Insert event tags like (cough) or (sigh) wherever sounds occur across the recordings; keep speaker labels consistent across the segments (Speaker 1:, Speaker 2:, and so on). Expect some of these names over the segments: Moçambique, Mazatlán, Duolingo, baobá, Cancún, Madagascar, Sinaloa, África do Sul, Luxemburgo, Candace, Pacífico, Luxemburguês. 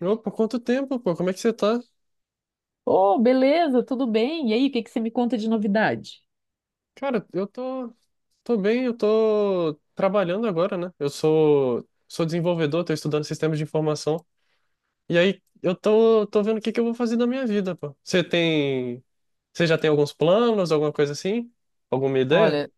Speaker 1: Opa, quanto tempo, pô? Como é que você tá?
Speaker 2: Oh, beleza, tudo bem? E aí, o que que você me conta de novidade?
Speaker 1: Cara, eu tô, tô bem, eu tô trabalhando agora, né? Sou desenvolvedor, tô estudando sistemas de informação. E aí, tô vendo o que que eu vou fazer da minha vida, pô. Você já tem alguns planos, alguma coisa assim? Alguma ideia?
Speaker 2: Olha,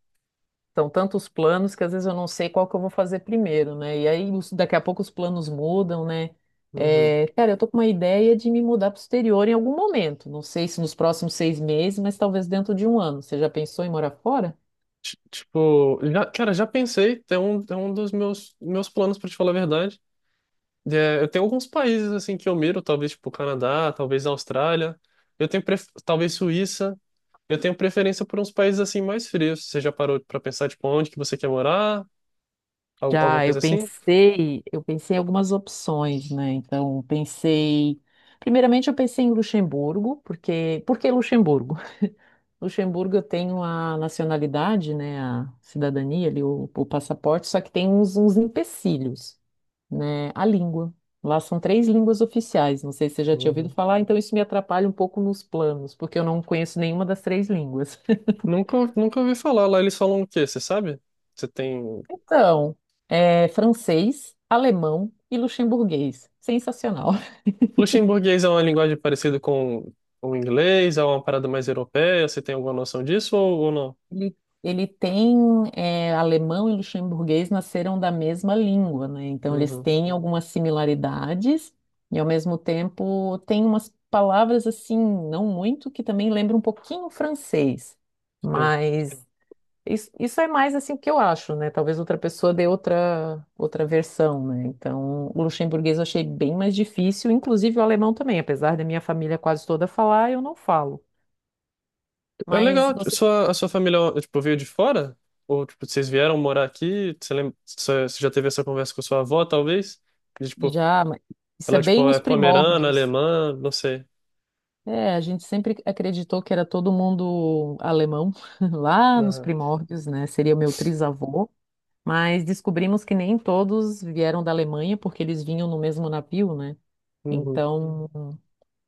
Speaker 2: são tantos planos que às vezes eu não sei qual que eu vou fazer primeiro, né? E aí daqui a pouco os planos mudam, né?
Speaker 1: Uhum.
Speaker 2: É, cara, eu tô com uma ideia de me mudar para o exterior em algum momento. Não sei se nos próximos 6 meses, mas talvez dentro de um ano. Você já pensou em morar fora?
Speaker 1: Já pensei, tem um dos meus planos, pra te falar a verdade. É, eu tenho alguns países, assim, que eu miro, talvez, tipo, Canadá, talvez Austrália. Talvez Suíça. Eu tenho preferência por uns países assim mais frios. Você já parou pra pensar, tipo, onde que você quer morar? Alguma
Speaker 2: Já, eu
Speaker 1: coisa assim?
Speaker 2: pensei, eu pensei em algumas opções, né? Então, pensei, primeiramente eu pensei em Luxemburgo, porque, por que Luxemburgo? Luxemburgo tem a nacionalidade, né, a cidadania ali, o passaporte, só que tem uns, uns empecilhos, né, a língua. Lá são 3 línguas oficiais, não sei se você já tinha ouvido
Speaker 1: Uhum.
Speaker 2: falar, então isso me atrapalha um pouco nos planos, porque eu não conheço nenhuma das 3 línguas. (laughs)
Speaker 1: Nunca ouvi falar. Lá eles falam o quê? Você sabe? Você tem.
Speaker 2: Então, é francês, alemão e luxemburguês. Sensacional.
Speaker 1: Luxemburguês é uma linguagem parecida com o inglês, é uma parada mais europeia. Você tem alguma noção disso ou não?
Speaker 2: Ele, ele tem alemão e luxemburguês nasceram da mesma língua, né? Então eles
Speaker 1: Uhum.
Speaker 2: têm algumas similaridades e ao mesmo tempo tem umas palavras assim, não muito, que também lembram um pouquinho o francês.
Speaker 1: Sim.
Speaker 2: Mas isso é mais assim o que eu acho, né? Talvez outra pessoa dê outra versão, né? Então o luxemburguês eu achei bem mais difícil, inclusive o alemão também, apesar da minha família quase toda falar, eu não falo.
Speaker 1: É
Speaker 2: Mas
Speaker 1: legal.
Speaker 2: você
Speaker 1: A sua família, tipo, veio de fora? Ou, tipo, vocês vieram morar aqui? Você lembra, você já teve essa conversa com sua avó, talvez? E, tipo,
Speaker 2: já, mas isso é
Speaker 1: ela,
Speaker 2: bem
Speaker 1: tipo, é
Speaker 2: nos
Speaker 1: pomerana,
Speaker 2: primórdios.
Speaker 1: alemã, não sei.
Speaker 2: É, a gente sempre acreditou que era todo mundo alemão, (laughs) lá nos primórdios, né? Seria meu trisavô, mas descobrimos que nem todos vieram da Alemanha, porque eles vinham no mesmo navio, né?
Speaker 1: Uhum.
Speaker 2: Então,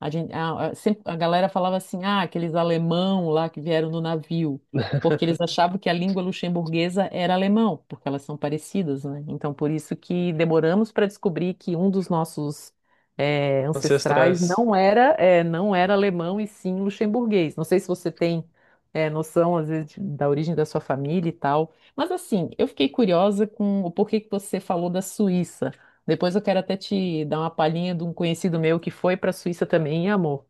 Speaker 2: a gente, a- sempre, a galera falava assim, ah, aqueles alemão lá que vieram no navio, porque eles achavam que a língua luxemburguesa era alemão, porque elas são parecidas, né? Então, por isso que demoramos para descobrir que um dos nossos ancestrais
Speaker 1: Ancestrais.
Speaker 2: não era, não era alemão e sim luxemburguês. Não sei se você tem noção, às vezes, da origem da sua família e tal, mas assim, eu fiquei curiosa com o porquê que você falou da Suíça. Depois eu quero até te dar uma palhinha de um conhecido meu que foi para a Suíça também e amou.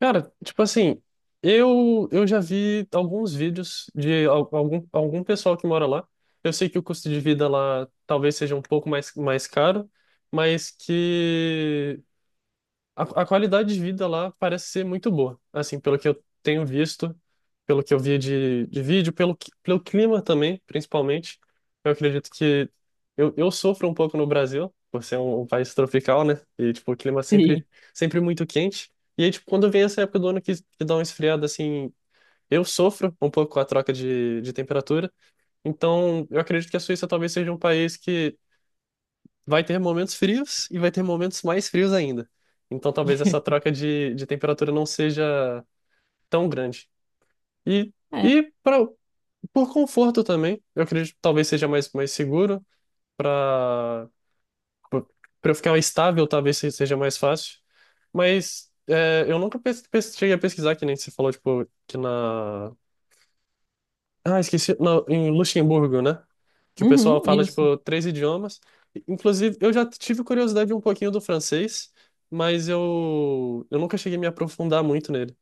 Speaker 1: Cara, tipo assim, eu já vi alguns vídeos de algum pessoal que mora lá. Eu sei que o custo de vida lá talvez seja um pouco mais caro, mas que A, a qualidade de vida lá parece ser muito boa, assim, pelo que eu tenho visto, pelo que eu vi de vídeo, pelo, pelo clima também, principalmente. Eu acredito que eu sofro um pouco no Brasil, por ser um país tropical, né? E, tipo,
Speaker 2: Sim.
Speaker 1: sempre muito quente. E aí, tipo, quando vem essa época do ano que dá uma esfriada, assim, eu sofro um pouco com a troca de temperatura. Então, eu acredito que a Suíça talvez seja um país que vai ter momentos frios e vai ter momentos mais frios ainda. Então talvez essa troca de temperatura não seja tão grande. E,
Speaker 2: É.
Speaker 1: e por conforto também, eu acredito que talvez seja mais seguro para para eu ficar estável, talvez seja mais fácil. Mas é, eu nunca cheguei a pesquisar, que nem você falou, tipo, que na Ah, esqueci. Não, em Luxemburgo, né? Que o pessoal
Speaker 2: Uhum,
Speaker 1: fala,
Speaker 2: isso.
Speaker 1: tipo, três idiomas. Inclusive, eu já tive curiosidade um pouquinho do francês, mas eu nunca cheguei a me aprofundar muito nele.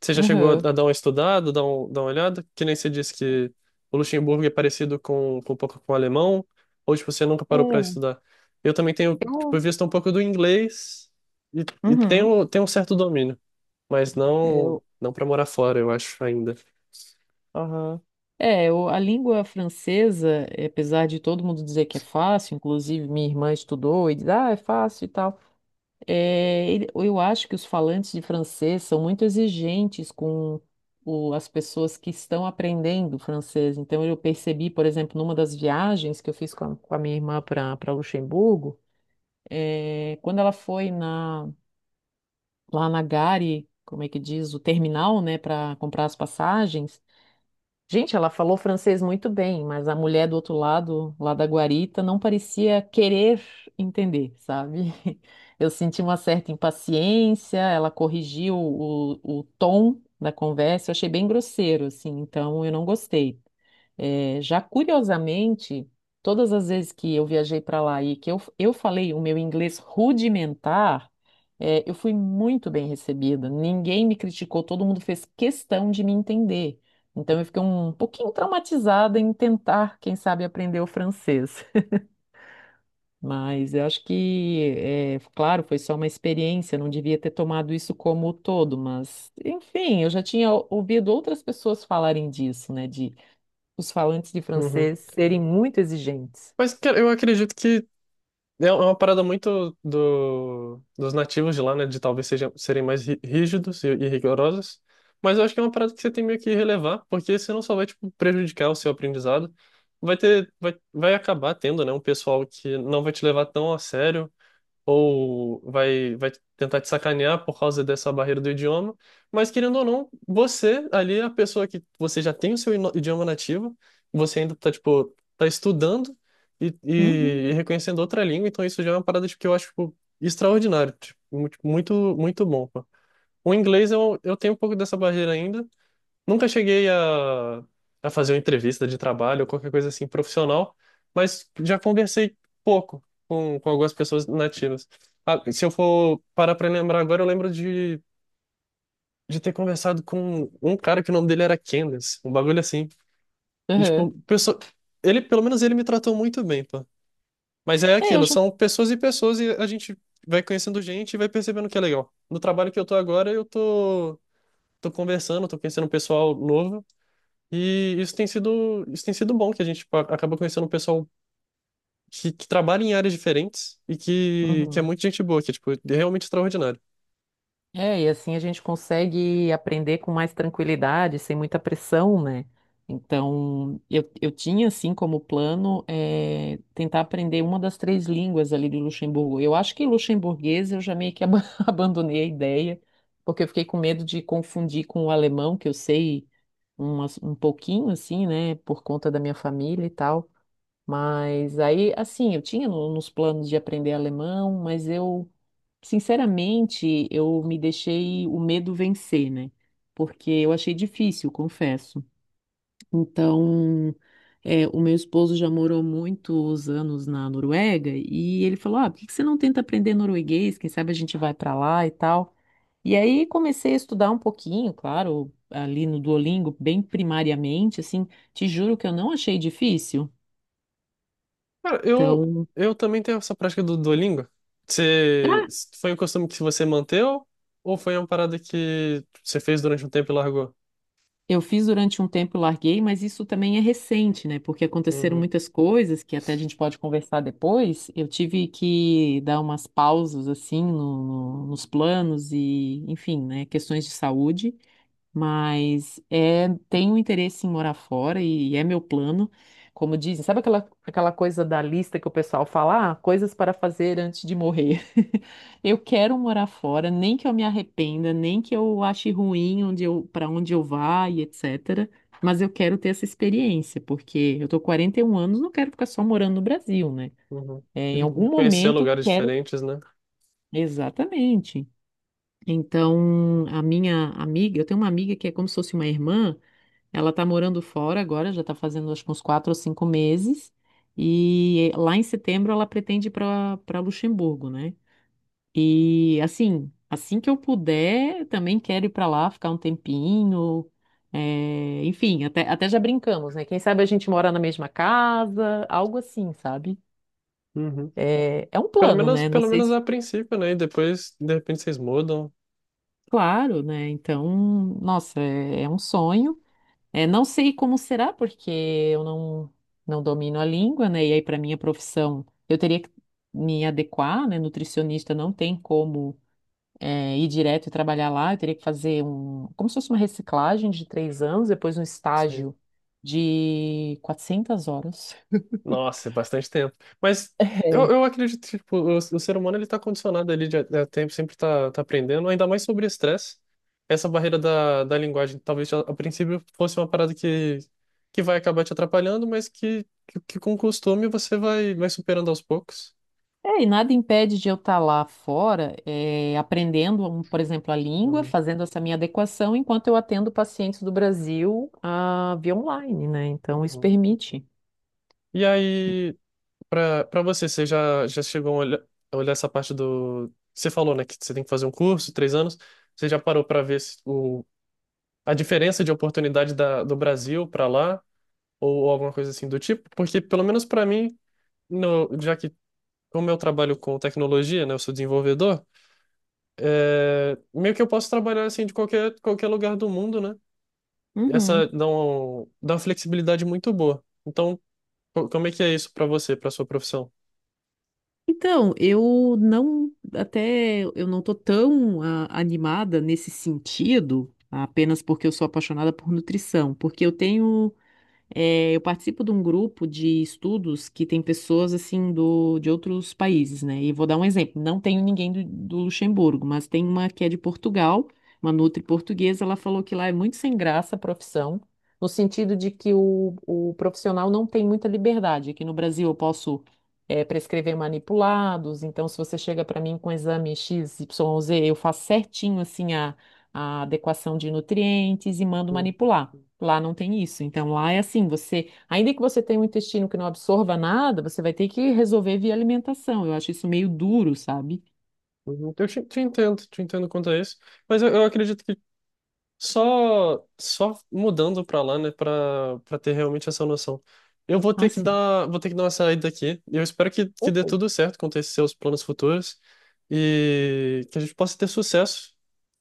Speaker 1: Você já chegou a
Speaker 2: Uhum.
Speaker 1: dar uma estudada, dar uma olhada? Que nem você disse que o Luxemburgo é parecido com um pouco com o alemão, ou, tipo, você nunca
Speaker 2: É,
Speaker 1: parou para estudar? Eu também tenho,
Speaker 2: eu,
Speaker 1: tipo, visto um pouco do inglês e
Speaker 2: uhum,
Speaker 1: tenho, tenho um certo domínio, mas
Speaker 2: Eu,
Speaker 1: não para morar fora, eu acho, ainda.
Speaker 2: aham. É, a língua francesa, apesar de todo mundo dizer que é fácil, inclusive minha irmã estudou e diz, ah, é fácil e tal. É, eu acho que os falantes de francês são muito exigentes com as pessoas que estão aprendendo francês. Então, eu percebi, por exemplo, numa das viagens que eu fiz com a minha irmã para Luxemburgo, quando ela foi lá na Gare, como é que diz, o terminal, né, para comprar as passagens. Gente, ela falou francês muito bem, mas a mulher do outro lado, lá da guarita, não parecia querer entender, sabe? (laughs) Eu senti uma certa impaciência, ela corrigiu o tom da conversa, eu achei bem grosseiro, assim, então eu não gostei. É, já curiosamente, todas as vezes que eu viajei para lá e que eu falei o meu inglês rudimentar, eu fui muito bem recebida. Ninguém me criticou, todo mundo fez questão de me entender. Então eu fiquei um pouquinho traumatizada em tentar, quem sabe, aprender o francês. (laughs) Mas eu acho que, é, claro, foi só uma experiência, não devia ter tomado isso como todo, mas, enfim, eu já tinha ouvido outras pessoas falarem disso, né? De os falantes de
Speaker 1: Uhum.
Speaker 2: francês serem muito exigentes.
Speaker 1: Mas, cara, eu acredito que É é uma parada muito do, dos nativos de lá, né? De talvez sejam, serem mais rígidos e rigorosos. Mas eu acho que é uma parada que você tem meio que relevar, porque senão só vai, tipo, prejudicar o seu aprendizado. Vai acabar tendo, né? Um pessoal que não vai te levar tão a sério vai tentar te sacanear por causa dessa barreira do idioma. Mas querendo ou não, você ali, é a pessoa que você já tem o seu idioma nativo, você ainda tá, tipo, tá estudando e,
Speaker 2: Uhum.
Speaker 1: e, reconhecendo outra língua, então isso já é uma parada tipo, que eu acho, tipo, extraordinário, tipo, muito bom, pô. O inglês eu tenho um pouco dessa barreira ainda, nunca cheguei a fazer uma entrevista de trabalho ou qualquer coisa assim profissional, mas já conversei pouco com algumas pessoas nativas. Ah, se eu for parar pra lembrar agora, eu lembro de ter conversado com um cara que o nome dele era Candace, um bagulho assim. E,
Speaker 2: Uhum.
Speaker 1: tipo, pessoa, ele, pelo menos ele me tratou muito bem, pô. Mas é
Speaker 2: É, eu
Speaker 1: aquilo,
Speaker 2: já...
Speaker 1: são pessoas e pessoas e a gente vai conhecendo gente e vai percebendo que é legal. No trabalho que eu tô agora, tô conversando, tô conhecendo um pessoal novo. E isso tem sido bom, que a gente tipo, acaba conhecendo um pessoal que trabalha em áreas diferentes e que é
Speaker 2: Uhum.
Speaker 1: muito gente boa, que é tipo, é realmente extraordinário.
Speaker 2: É, e assim a gente consegue aprender com mais tranquilidade, sem muita pressão, né? Então, eu tinha, assim, como plano, é tentar aprender uma das 3 línguas ali de Luxemburgo. Eu acho que luxemburguês eu já meio que (laughs) abandonei a ideia, porque eu fiquei com medo de confundir com o alemão, que eu sei um pouquinho, assim, né, por conta da minha família e tal. Mas aí, assim, eu tinha nos planos de aprender alemão, mas eu, sinceramente, eu me deixei o medo vencer, né? Porque eu achei difícil, confesso. Então, é, o meu esposo já morou muitos anos na Noruega e ele falou: Ah, por que que você não tenta aprender norueguês? Quem sabe a gente vai para lá e tal. E aí comecei a estudar um pouquinho, claro, ali no Duolingo, bem primariamente, assim. Te juro que eu não achei difícil.
Speaker 1: Cara,
Speaker 2: Então.
Speaker 1: eu também tenho essa prática do Duolingo. Você, foi um costume que você manteu ou foi uma parada que você fez durante um tempo e largou?
Speaker 2: Eu fiz durante um tempo e larguei, mas isso também é recente, né? Porque aconteceram
Speaker 1: Uhum,
Speaker 2: muitas coisas que até a gente pode conversar depois. Eu tive que dar umas pausas, assim, nos planos e, enfim, né? Questões de saúde. Mas é, tenho interesse em morar fora e, é meu plano. Como dizem, sabe aquela coisa da lista que o pessoal fala, ah, coisas para fazer antes de morrer? (laughs) Eu quero morar fora, nem que eu me arrependa, nem que eu ache ruim onde eu, para onde eu vá e etc. Mas eu quero ter essa experiência, porque eu tô com 41 anos, não quero ficar só morando no Brasil, né?
Speaker 1: uhum.
Speaker 2: É, em
Speaker 1: De
Speaker 2: algum
Speaker 1: conhecer
Speaker 2: momento
Speaker 1: lugares
Speaker 2: quero.
Speaker 1: diferentes, né?
Speaker 2: Exatamente. Então, a minha amiga, eu tenho uma amiga que é como se fosse uma irmã. Ela tá morando fora agora, já tá fazendo acho que uns 4 ou 5 meses. E lá em setembro ela pretende ir para Luxemburgo, né? E assim, assim que eu puder, também quero ir para lá ficar um tempinho. É, enfim, até já brincamos, né? Quem sabe a gente mora na mesma casa, algo assim, sabe?
Speaker 1: Uhum.
Speaker 2: É, é um plano, né? Não
Speaker 1: Pelo
Speaker 2: sei
Speaker 1: menos
Speaker 2: se.
Speaker 1: a princípio, né? E depois, de repente, vocês mudam.
Speaker 2: Claro, né? Então, nossa, é é um sonho. É, não sei como será, porque eu não, não domino a língua, né? E aí, para minha profissão, eu teria que me adequar, né? Nutricionista não tem como ir direto e trabalhar lá. Eu teria que fazer um, como se fosse uma reciclagem de 3 anos, depois um
Speaker 1: Sim.
Speaker 2: estágio de 400 horas.
Speaker 1: Nossa, é bastante tempo. Mas eu acredito que tipo, o ser humano ele está condicionado ali de, a tempo, sempre está aprendendo, ainda mais sobre estresse. Essa barreira da linguagem, talvez a princípio fosse uma parada que vai acabar te atrapalhando, mas que com costume você vai, vai superando aos poucos.
Speaker 2: É, e nada impede de eu estar lá fora, aprendendo, um, por exemplo, a língua,
Speaker 1: Uhum,
Speaker 2: fazendo essa minha adequação, enquanto eu atendo pacientes do Brasil, ah, via online, né? Então, isso
Speaker 1: uhum.
Speaker 2: permite.
Speaker 1: E aí, para para você, você já, já chegou a olhar essa parte do. Você falou, né, que você tem que fazer um curso, 3 anos. Você já parou para ver se- o a diferença de oportunidade da, do Brasil para lá, ou alguma coisa assim do tipo, porque pelo menos para mim, no, já que como eu trabalho com tecnologia, né, eu sou desenvolvedor, é, meio que eu posso trabalhar assim de qualquer lugar do mundo, né? Essa
Speaker 2: Uhum.
Speaker 1: dá uma flexibilidade muito boa. Então, como é que é isso para você, para sua profissão?
Speaker 2: Então, eu não, até eu não tô tão ah, animada nesse sentido, apenas porque eu sou apaixonada por nutrição, porque eu tenho é, eu participo de um grupo de estudos que tem pessoas assim do, de outros países, né? E vou dar um exemplo. Não tenho ninguém do, do Luxemburgo, mas tem uma que é de Portugal, uma nutri portuguesa. Ela falou que lá é muito sem graça a profissão, no sentido de que o profissional não tem muita liberdade. Aqui no Brasil eu posso prescrever manipulados, então se você chega para mim com exame X, XYZ, eu faço certinho assim a adequação de nutrientes e mando
Speaker 1: Uhum.
Speaker 2: manipular. Lá não tem isso. Então, lá é assim, você, ainda que você tenha um intestino que não absorva nada, você vai ter que resolver via alimentação. Eu acho isso meio duro, sabe?
Speaker 1: Uhum. Eu te entendo quanto a isso, mas eu acredito que só mudando pra lá, né, pra para ter realmente essa noção. Eu vou
Speaker 2: Ah,
Speaker 1: ter que
Speaker 2: sim.
Speaker 1: dar, vou ter que dar uma saída aqui. Eu espero que dê
Speaker 2: Ok.
Speaker 1: tudo certo com esses seus planos futuros e que a gente possa ter sucesso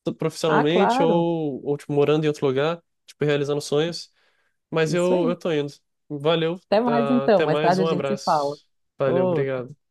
Speaker 1: tanto
Speaker 2: Ah,
Speaker 1: profissionalmente
Speaker 2: claro.
Speaker 1: ou tipo, morando em outro lugar, tipo, realizando sonhos. Mas
Speaker 2: Isso
Speaker 1: eu
Speaker 2: aí.
Speaker 1: tô indo. Valeu,
Speaker 2: Até mais
Speaker 1: ah,
Speaker 2: então.
Speaker 1: até
Speaker 2: Mais
Speaker 1: mais,
Speaker 2: tarde a
Speaker 1: um
Speaker 2: gente se fala.
Speaker 1: abraço. Valeu,
Speaker 2: Outro.
Speaker 1: obrigado.